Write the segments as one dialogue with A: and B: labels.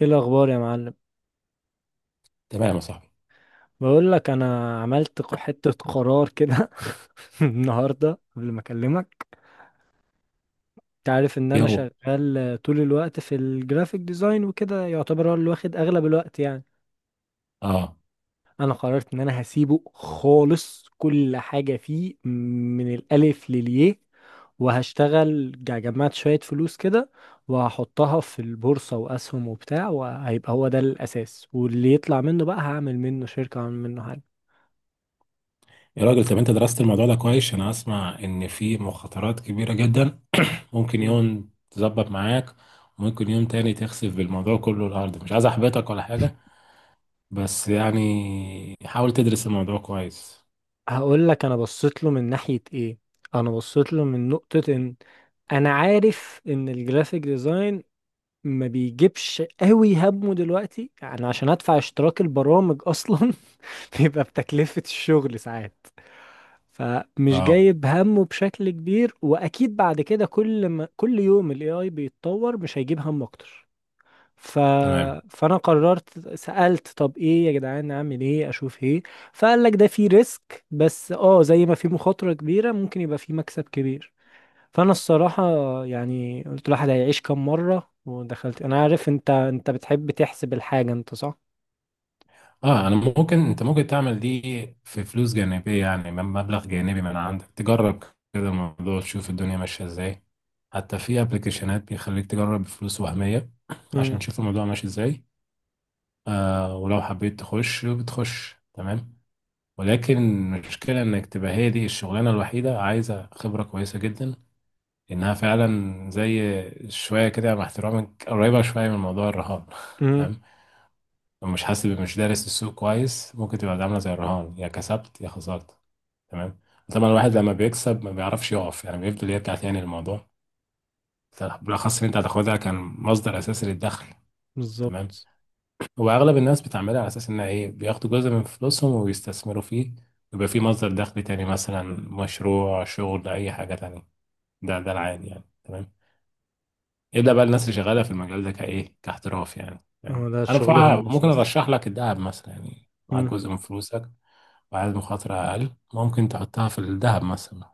A: ايه الاخبار يا معلم؟
B: تمام يا صاحبي.
A: بقول لك انا عملت حتة قرار كده. النهارده قبل ما اكلمك، انت عارف ان انا
B: يلا.
A: شغال طول الوقت في الجرافيك ديزاين وكده، يعتبر هو اللي واخد اغلب الوقت يعني.
B: اه.
A: انا قررت ان انا هسيبه خالص، كل حاجة فيه من الالف للياء، وهشتغل جمعت شوية فلوس كده وهحطها في البورصة واسهم وبتاع، وهيبقى هو ده الاساس، واللي يطلع منه بقى هعمل منه شركة، هعمل منه حاجة.
B: يا راجل، طب انت درست الموضوع ده كويس؟ انا اسمع ان في مخاطرات كبيره جدا، ممكن يوم تظبط معاك وممكن يوم تاني تخسف بالموضوع كله الارض. مش عايز احبطك ولا حاجه، بس يعني حاول تدرس الموضوع كويس.
A: هقول لك انا بصيت له من ناحية ايه، انا بصيت له من نقطة ان انا عارف ان الجرافيك ديزاين ما بيجيبش قوي همه دلوقتي، يعني عشان ادفع اشتراك البرامج اصلا بيبقى بتكلفة الشغل ساعات، فمش
B: اه.
A: جايب همه بشكل كبير، واكيد بعد كده كل ما كل يوم الاي اي بيتطور مش هيجيب هم اكتر. ف...
B: تمام.
A: فانا قررت، سألت طب ايه يا جدعان، اعمل ايه، اشوف ايه، فقال لك ده في ريسك بس اه، زي ما في مخاطرة كبيرة ممكن يبقى في مكسب كبير. فانا الصراحة يعني قلت الواحد هيعيش كام مرة ودخلت. انا عارف انت بتحب تحسب الحاجة انت، صح.
B: اه، انا ممكن انت ممكن تعمل دي في فلوس جانبيه، يعني من مبلغ جانبي من عندك تجرب كده الموضوع، تشوف الدنيا ماشيه ازاي. حتى في ابلكيشنات بيخليك تجرب بفلوس وهميه عشان
A: امم
B: تشوف الموضوع ماشي ازاي. آه، ولو حبيت تخش بتخش. تمام. ولكن المشكلة انك تبقى هي دي الشغلانة الوحيدة، عايزة خبرة كويسة جدا انها فعلا زي شوية كده، يعني مع احترامك قريبة شوية من موضوع الرهان.
A: امم
B: تمام. لو مش حاسب، مش دارس السوق كويس، ممكن تبقى عاملة زي الرهان، يا كسبت يا خسرت. تمام. طبعا الواحد لما بيكسب ما بيعرفش يقف، يعني بيفضل يرجع تاني للموضوع، بالاخص ان انت هتاخدها كان مصدر اساسي للدخل. تمام.
A: بالظبط،
B: هو اغلب الناس بتعملها على اساس انها ايه، بياخدوا جزء من فلوسهم وبيستثمروا فيه، ويبقى فيه مصدر دخل تاني، مثلا مشروع، شغل، اي حاجه تانية. ده العادي يعني. تمام. الا بقى الناس اللي شغاله في المجال ده كايه، كاحتراف يعني.
A: هو
B: تمام.
A: ده
B: انا
A: شغلهم
B: بصراحه ممكن
A: الاساسي.
B: ارشح لك الذهب مثلا، يعني معاك جزء من فلوسك وعايز مخاطره اقل، ممكن تحطها في الذهب مثلا.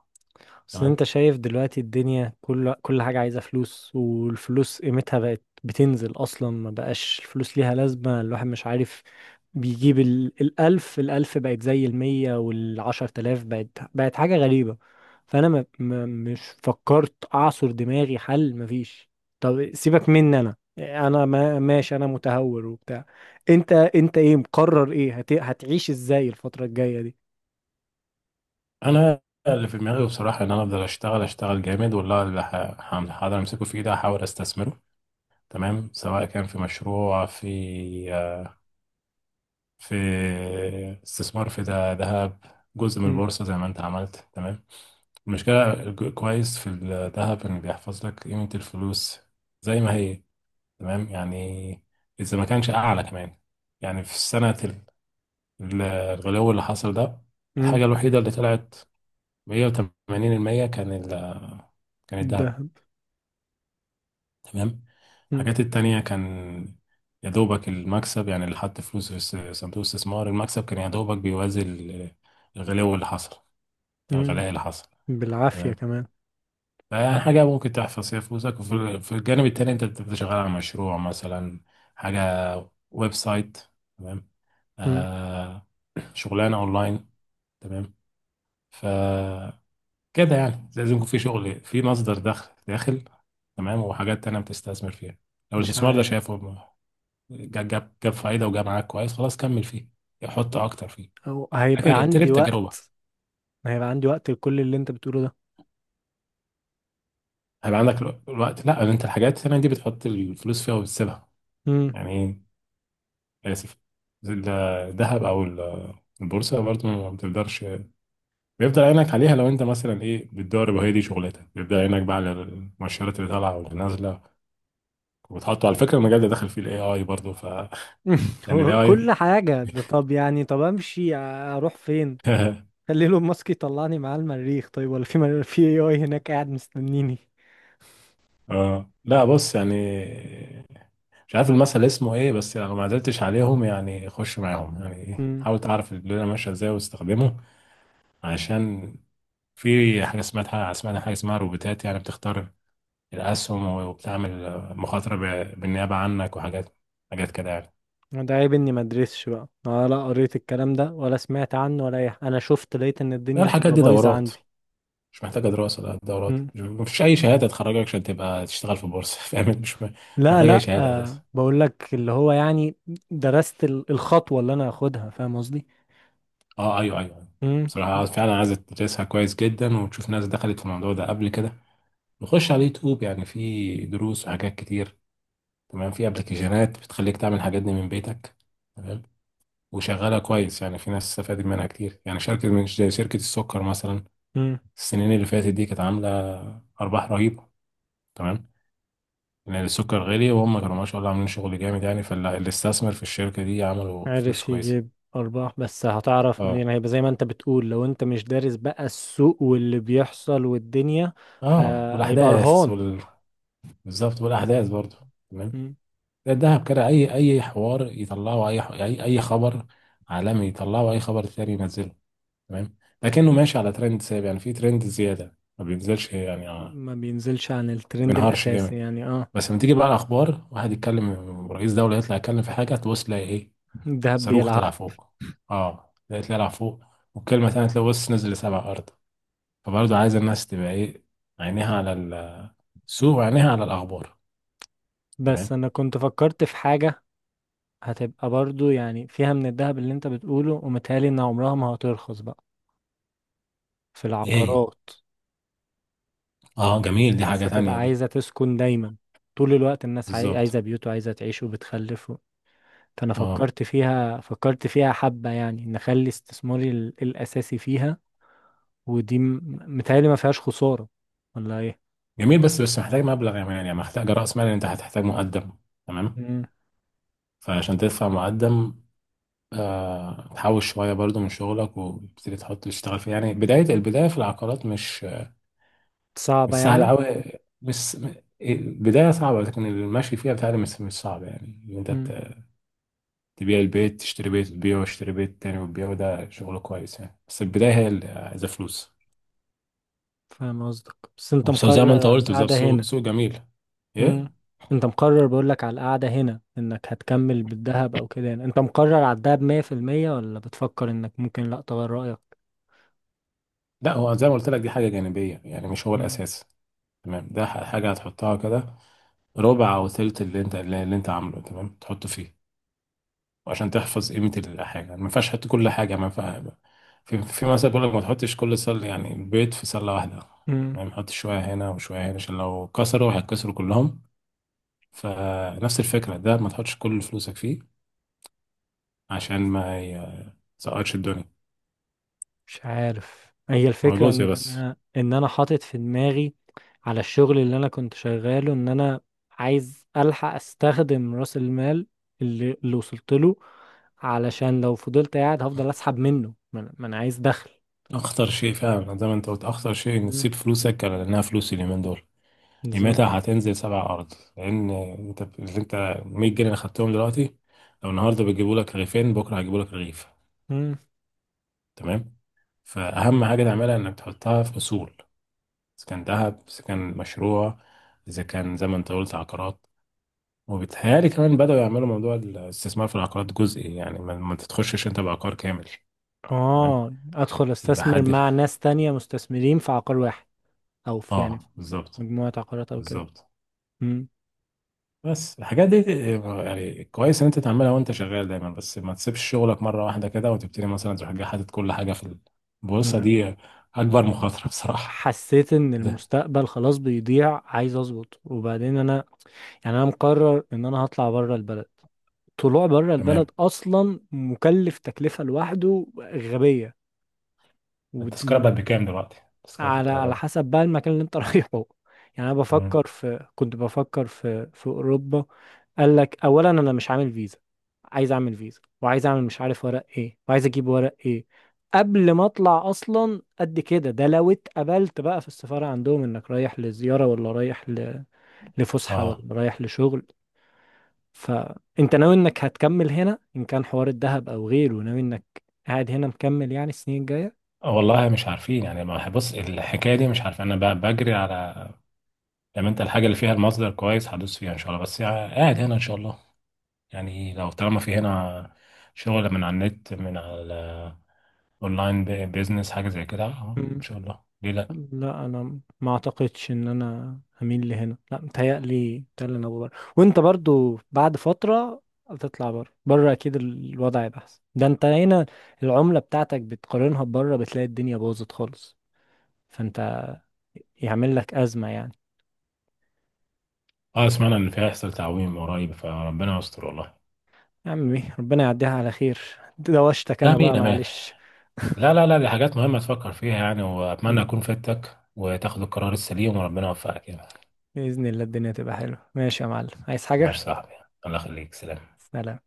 A: بس انت
B: تمام.
A: شايف دلوقتي الدنيا كل حاجة عايزة فلوس، والفلوس قيمتها بقت بتنزل، اصلا ما بقاش الفلوس ليها لازمة، الواحد مش عارف. بيجيب الالف، الالف بقت زي المية، والعشر تلاف بقت، بقت حاجة غريبة. فانا ما... ما... مش فكرت اعصر دماغي، حل مفيش. طب سيبك مني، انا انا ما... ماشي، انا متهور وبتاع. انت ايه مقرر، ايه هتعيش ازاي الفترة الجاية دي؟
B: انا اللي في دماغي بصراحه ان انا افضل اشتغل اشتغل جامد، والله اللي هقدر امسكه في ايدي هحاول استثمره. تمام، سواء كان في مشروع، في استثمار في ذهب، جزء من
A: امم
B: البورصة زي ما انت عملت. تمام. المشكلة كويس في الذهب انه بيحفظ لك قيمة الفلوس زي ما هي. تمام يعني، اذا ما كانش اعلى كمان. يعني في سنة الغلو اللي حصل ده،
A: امم
B: الحاجة الوحيدة اللي طلعت 180% كان
A: ده
B: الذهب. تمام. الحاجات التانية كان يا دوبك المكسب، يعني اللي حط فلوس في صندوق الاستثمار المكسب كان يا دوبك بيوازي ال- الغلو اللي حصل الغلاء اللي حصل.
A: بالعافية
B: تمام.
A: كمان.
B: فيعني حاجة ممكن تحفظ فيها فلوسك، وفي في الجانب التاني أنت بتبقى شغال على مشروع مثلا، حاجة، ويب سايت. تمام.
A: مم.
B: آه. شغلانة أونلاين. تمام. ف كده يعني لازم يكون في شغل، في مصدر دخل داخل. تمام. وحاجات تانية بتستثمر فيها. لو
A: مش
B: الاستثمار ده
A: عارف.
B: شايفه جاب فايده وجاب معاك كويس، خلاص كمل فيه، حط اكتر فيه.
A: أو هيبقى
B: لكن ابتدي
A: عندي
B: بتجربه.
A: وقت، هيبقى عندي وقت لكل اللي انت بتقوله ده.
B: هيبقى عندك الوقت، لا انت الحاجات الثانيه دي بتحط الفلوس فيها وبتسيبها.
A: مم.
B: يعني ايه، اسف، الذهب او البورصه برضه ما بتقدرش. بيفضل عينك عليها لو انت مثلا ايه، بتدرب وهي دي شغلتك، بيفضل عينك بقى على المؤشرات اللي طالعه واللي نازله. وبتحطه على فكره، المجال ده داخل فيه الاي اي برضه. ف يعني الاي
A: هو كل
B: اي.
A: حاجة ده؟ طب يعني طب امشي اروح فين؟ خلي له ماسك يطلعني معاه المريخ، طيب؟ ولا في في اي اي هناك قاعد مستنيني؟
B: اه، لا بص يعني، مش عارف المثل اسمه ايه، بس لو ما قدرتش عليهم يعني خش معاهم، يعني ايه،
A: مم.
B: حاول تعرف الدنيا ماشيه ازاي واستخدمه. عشان في حاجه اسمها حاجه اسمها روبوتات، يعني بتختار الاسهم وبتعمل مخاطره بالنيابه عنك، وحاجات حاجات كده يعني.
A: ده عيب اني ما ادرسش بقى ولا قريت الكلام ده ولا سمعت عنه، ولا اي انا شفت لقيت ان
B: لا،
A: الدنيا
B: الحاجات
A: هتبقى
B: دي
A: بايظة
B: دورات،
A: عندي.
B: مش محتاجه دراسه، لا دورات،
A: مم.
B: مفيش اي شهاده تخرجك عشان تبقى تشتغل في بورصه. فاهم مش
A: لا
B: محتاجه اي
A: لا
B: شهاده
A: آه
B: اساسا.
A: بقول لك اللي هو يعني درست الخطوة اللي انا هاخدها، فاهم قصدي.
B: اه ايوه ايوه.
A: مم.
B: بصراحه فعلا عايز تدرسها كويس جدا، وتشوف ناس دخلت في الموضوع ده قبل كده. نخش على اليوتيوب يعني، في دروس وحاجات كتير. تمام. في ابلكيشنات بتخليك تعمل الحاجات دي من بيتك. تمام. وشغاله كويس يعني، في ناس استفادت منها كتير، يعني شركه من زي شركه السكر مثلا.
A: مم.
B: السنين اللي فاتت دي كانت عامله ارباح رهيبه. تمام. لان السكر غالي، وهم كانوا ما شاء الله عاملين شغل جامد يعني، فاللي استثمر في الشركه دي عملوا فلوس
A: عارف
B: كويسه.
A: يجيب أرباح، بس هتعرف
B: اه.
A: منين؟ هيبقى زي ما أنت بتقول، لو أنت مش دارس بقى السوق واللي بيحصل والدنيا، ه...
B: اه،
A: هيبقى
B: والاحداث
A: رهان.
B: وال... بالظبط، والاحداث برضو. تمام.
A: مم.
B: ده الدهب كده، اي اي حوار يطلعه، اي خبر عالمي يطلعه، اي خبر تاني ينزله. تمام. لكنه ماشي على ترند ثابت، يعني في ترند زياده ما بينزلش يعني.
A: ما بينزلش عن
B: ما
A: الترند
B: بينهارش
A: الأساسي
B: جامد.
A: يعني، اه.
B: بس لما تيجي بقى الاخبار، واحد يتكلم، رئيس دوله يطلع يتكلم في حاجه، تبص تلاقي ايه؟
A: الذهب
B: صاروخ طلع
A: بيلعب.
B: فوق. اه تلاقي طلع فوق، والكلمه تانيه تلاقي بص نزل لسبع ارض. فبرضه عايز الناس تبقى ايه، عينيها على السوق وعينيها على الاخبار.
A: بس
B: تمام.
A: أنا كنت فكرت في حاجة، هتبقى برضو يعني فيها من الذهب اللي أنت بتقوله، ومتهيألي إن عمرها ما هترخص بقى، في
B: ايه هي؟
A: العقارات.
B: اه جميل، دي
A: الناس
B: حاجه
A: هتبقى
B: تانيه دي.
A: عايزة تسكن دايما، طول الوقت الناس
B: بالظبط.
A: عايزة بيوت وعايزة تعيش وبتخلف. فانا
B: اه
A: فكرت فيها، فكرت فيها حبة، يعني نخلي استثماري الاساسي فيها. ودي م- متهيألي ما فيهاش خسارة، ولا ايه؟
B: جميل. بس محتاج مبلغ يا مان، يعني محتاج رأس مال، يعني انت هتحتاج مقدم. تمام.
A: مم.
B: فعشان تدفع مقدم، آه، تحوش شوية برضو من شغلك وتبتدي تحط تشتغل فيه. يعني بداية البداية في العقارات مش مش
A: صعبة يعني.
B: سهلة أوي، مش م- البداية صعبة، لكن المشي فيها بتاعي مش صعب، يعني إن أنت
A: مم.
B: تبيع البيت تشتري بيت وتبيعه، وتشتري بيت تاني وتبيعه. ده شغل كويس يعني، بس البداية هي اللي عايزة فلوس.
A: فاهم قصدك، بس انت
B: وبس زي ما
A: مقرر
B: أنت
A: على
B: قلت بالظبط،
A: القعدة
B: سوق
A: هنا.
B: سوق جميل.
A: مم.
B: إيه؟
A: انت مقرر، بقول لك على القعدة هنا، انك هتكمل بالذهب او كده يعني، انت مقرر على الذهب 100% ولا بتفكر انك ممكن لا تغير رأيك؟
B: لا، هو زي ما قلت لك، دي حاجة جانبية يعني، مش هو
A: مم.
B: الأساس. تمام. ده حاجة هتحطها كده، ربع أو تلت اللي أنت اللي اللي أنت عامله. تمام، تحطه فيه. وعشان تحفظ قيمة الحاجة ما ينفعش تحط كل حاجة، ما ينفع. في مثلا بيقول لك ما تحطش كل سلة، يعني البيض في سلة واحدة.
A: مم.
B: تمام، حط شوية هنا وشوية هنا، عشان لو كسروا هيتكسروا كلهم. فنفس الفكرة ده ما تحطش كل فلوسك فيه عشان ما يسقطش الدنيا.
A: مش عارف، هي
B: هو
A: الفكرة
B: جزء
A: ان
B: بس.
A: انا حاطط في دماغي على الشغل اللي انا كنت شغاله، ان انا عايز الحق استخدم راس المال اللي وصلت له، علشان لو فضلت قاعد هفضل اسحب منه، ما أنا عايز دخل.
B: أخطر شيء فعلا زي ما أنت قلت، أخطر شيء إنك
A: مم،
B: تسيب فلوسك، لأنها فلوس اليومين دول
A: بالظبط.
B: قيمتها هتنزل سبع أرض، لأن أنت 100 جنيه اللي خدتهم دلوقتي، لو النهاردة بيجيبوا لك رغيفين بكرة هيجيبوا لك رغيف.
A: مم.
B: تمام. فأهم حاجة تعملها إنك تحطها في أصول، إذا كان ذهب، إذا كان مشروع، إذا كان زي ما أنت قلت عقارات. وبيتهيألي كمان بدأوا يعملوا موضوع الاستثمار في العقارات جزئي، يعني ما تتخشش أنت بعقار كامل. تمام.
A: اه ادخل
B: يبقى
A: استثمر
B: حد.
A: مع ناس تانية مستثمرين في عقار واحد، او في يعني في
B: آه بالظبط.
A: مجموعة عقارات او كده.
B: بالظبط.
A: مم.
B: بس الحاجات دي يعني كويس ان انت تعملها وانت شغال دايما، بس ما تسيبش شغلك مره واحده كده وتبتدي مثلا تروح جاي حاطط كل حاجه في البورصه
A: ما-
B: دي، اكبر مخاطره بصراحه.
A: حسيت ان
B: ده
A: المستقبل خلاص بيضيع، عايز اظبط، وبعدين انا يعني انا مقرر ان انا هطلع بره البلد، طلوع بره
B: تمام.
A: البلد اصلا مكلف تكلفة لوحده غبية.
B: التذكره
A: ود-
B: بقت بكام دلوقتي؟ تذكره
A: على على
B: الطيران.
A: حسب بقى المكان اللي انت رايحه. يعني انا
B: مم.
A: بفكر في، كنت بفكر في اوروبا. قال لك اولا انا مش عامل فيزا، عايز اعمل فيزا وعايز اعمل مش عارف ورق ايه، وعايز اجيب ورق ايه قبل ما اطلع اصلا. قد كده، ده لو اتقبلت بقى في السفارة عندهم انك رايح لزيارة، ولا رايح لفسحة،
B: اه.
A: ولا رايح لشغل. فانت ناوي انك هتكمل هنا، ان كان حوار الذهب او غيره، ناوي انك قاعد هنا مكمل يعني السنين الجاية.
B: آه والله مش عارفين يعني. ما بص، الحكايه دي مش عارف، انا بجري على لما انت الحاجه اللي فيها المصدر كويس هدوس فيها ان شاء الله، بس يعني قاعد هنا ان شاء الله. يعني لو طالما في هنا شغل من على النت، من على اونلاين، بيزنس، حاجه زي كده، اه ان
A: مم.
B: شاء الله، ليه لا.
A: لا، انا ما اعتقدش ان انا هميل لهنا، لا متهيألي، متهيألي انا بره. وانت برضو بعد فترة هتطلع بره، بره اكيد الوضع هيبقى احسن، ده انت هنا العملة بتاعتك بتقارنها بره بتلاقي الدنيا باظت خالص. فانت يعمل لك أزمة يعني.
B: اه سمعنا ان فيها هيحصل تعويم قريب، فربنا يستر والله.
A: يا عمي ربنا يعديها على خير. دوشتك انا بقى،
B: امين امين.
A: معلش.
B: لا لا لا، دي حاجات مهمه تفكر فيها يعني، واتمنى اكون فدتك وتاخد القرار السليم، وربنا يوفقك يعني.
A: بإذن الله الدنيا تبقى حلوة. ماشي يا معلم، عايز
B: ماشي يا
A: حاجة؟
B: صاحبي، الله يخليك، سلام.
A: سلام.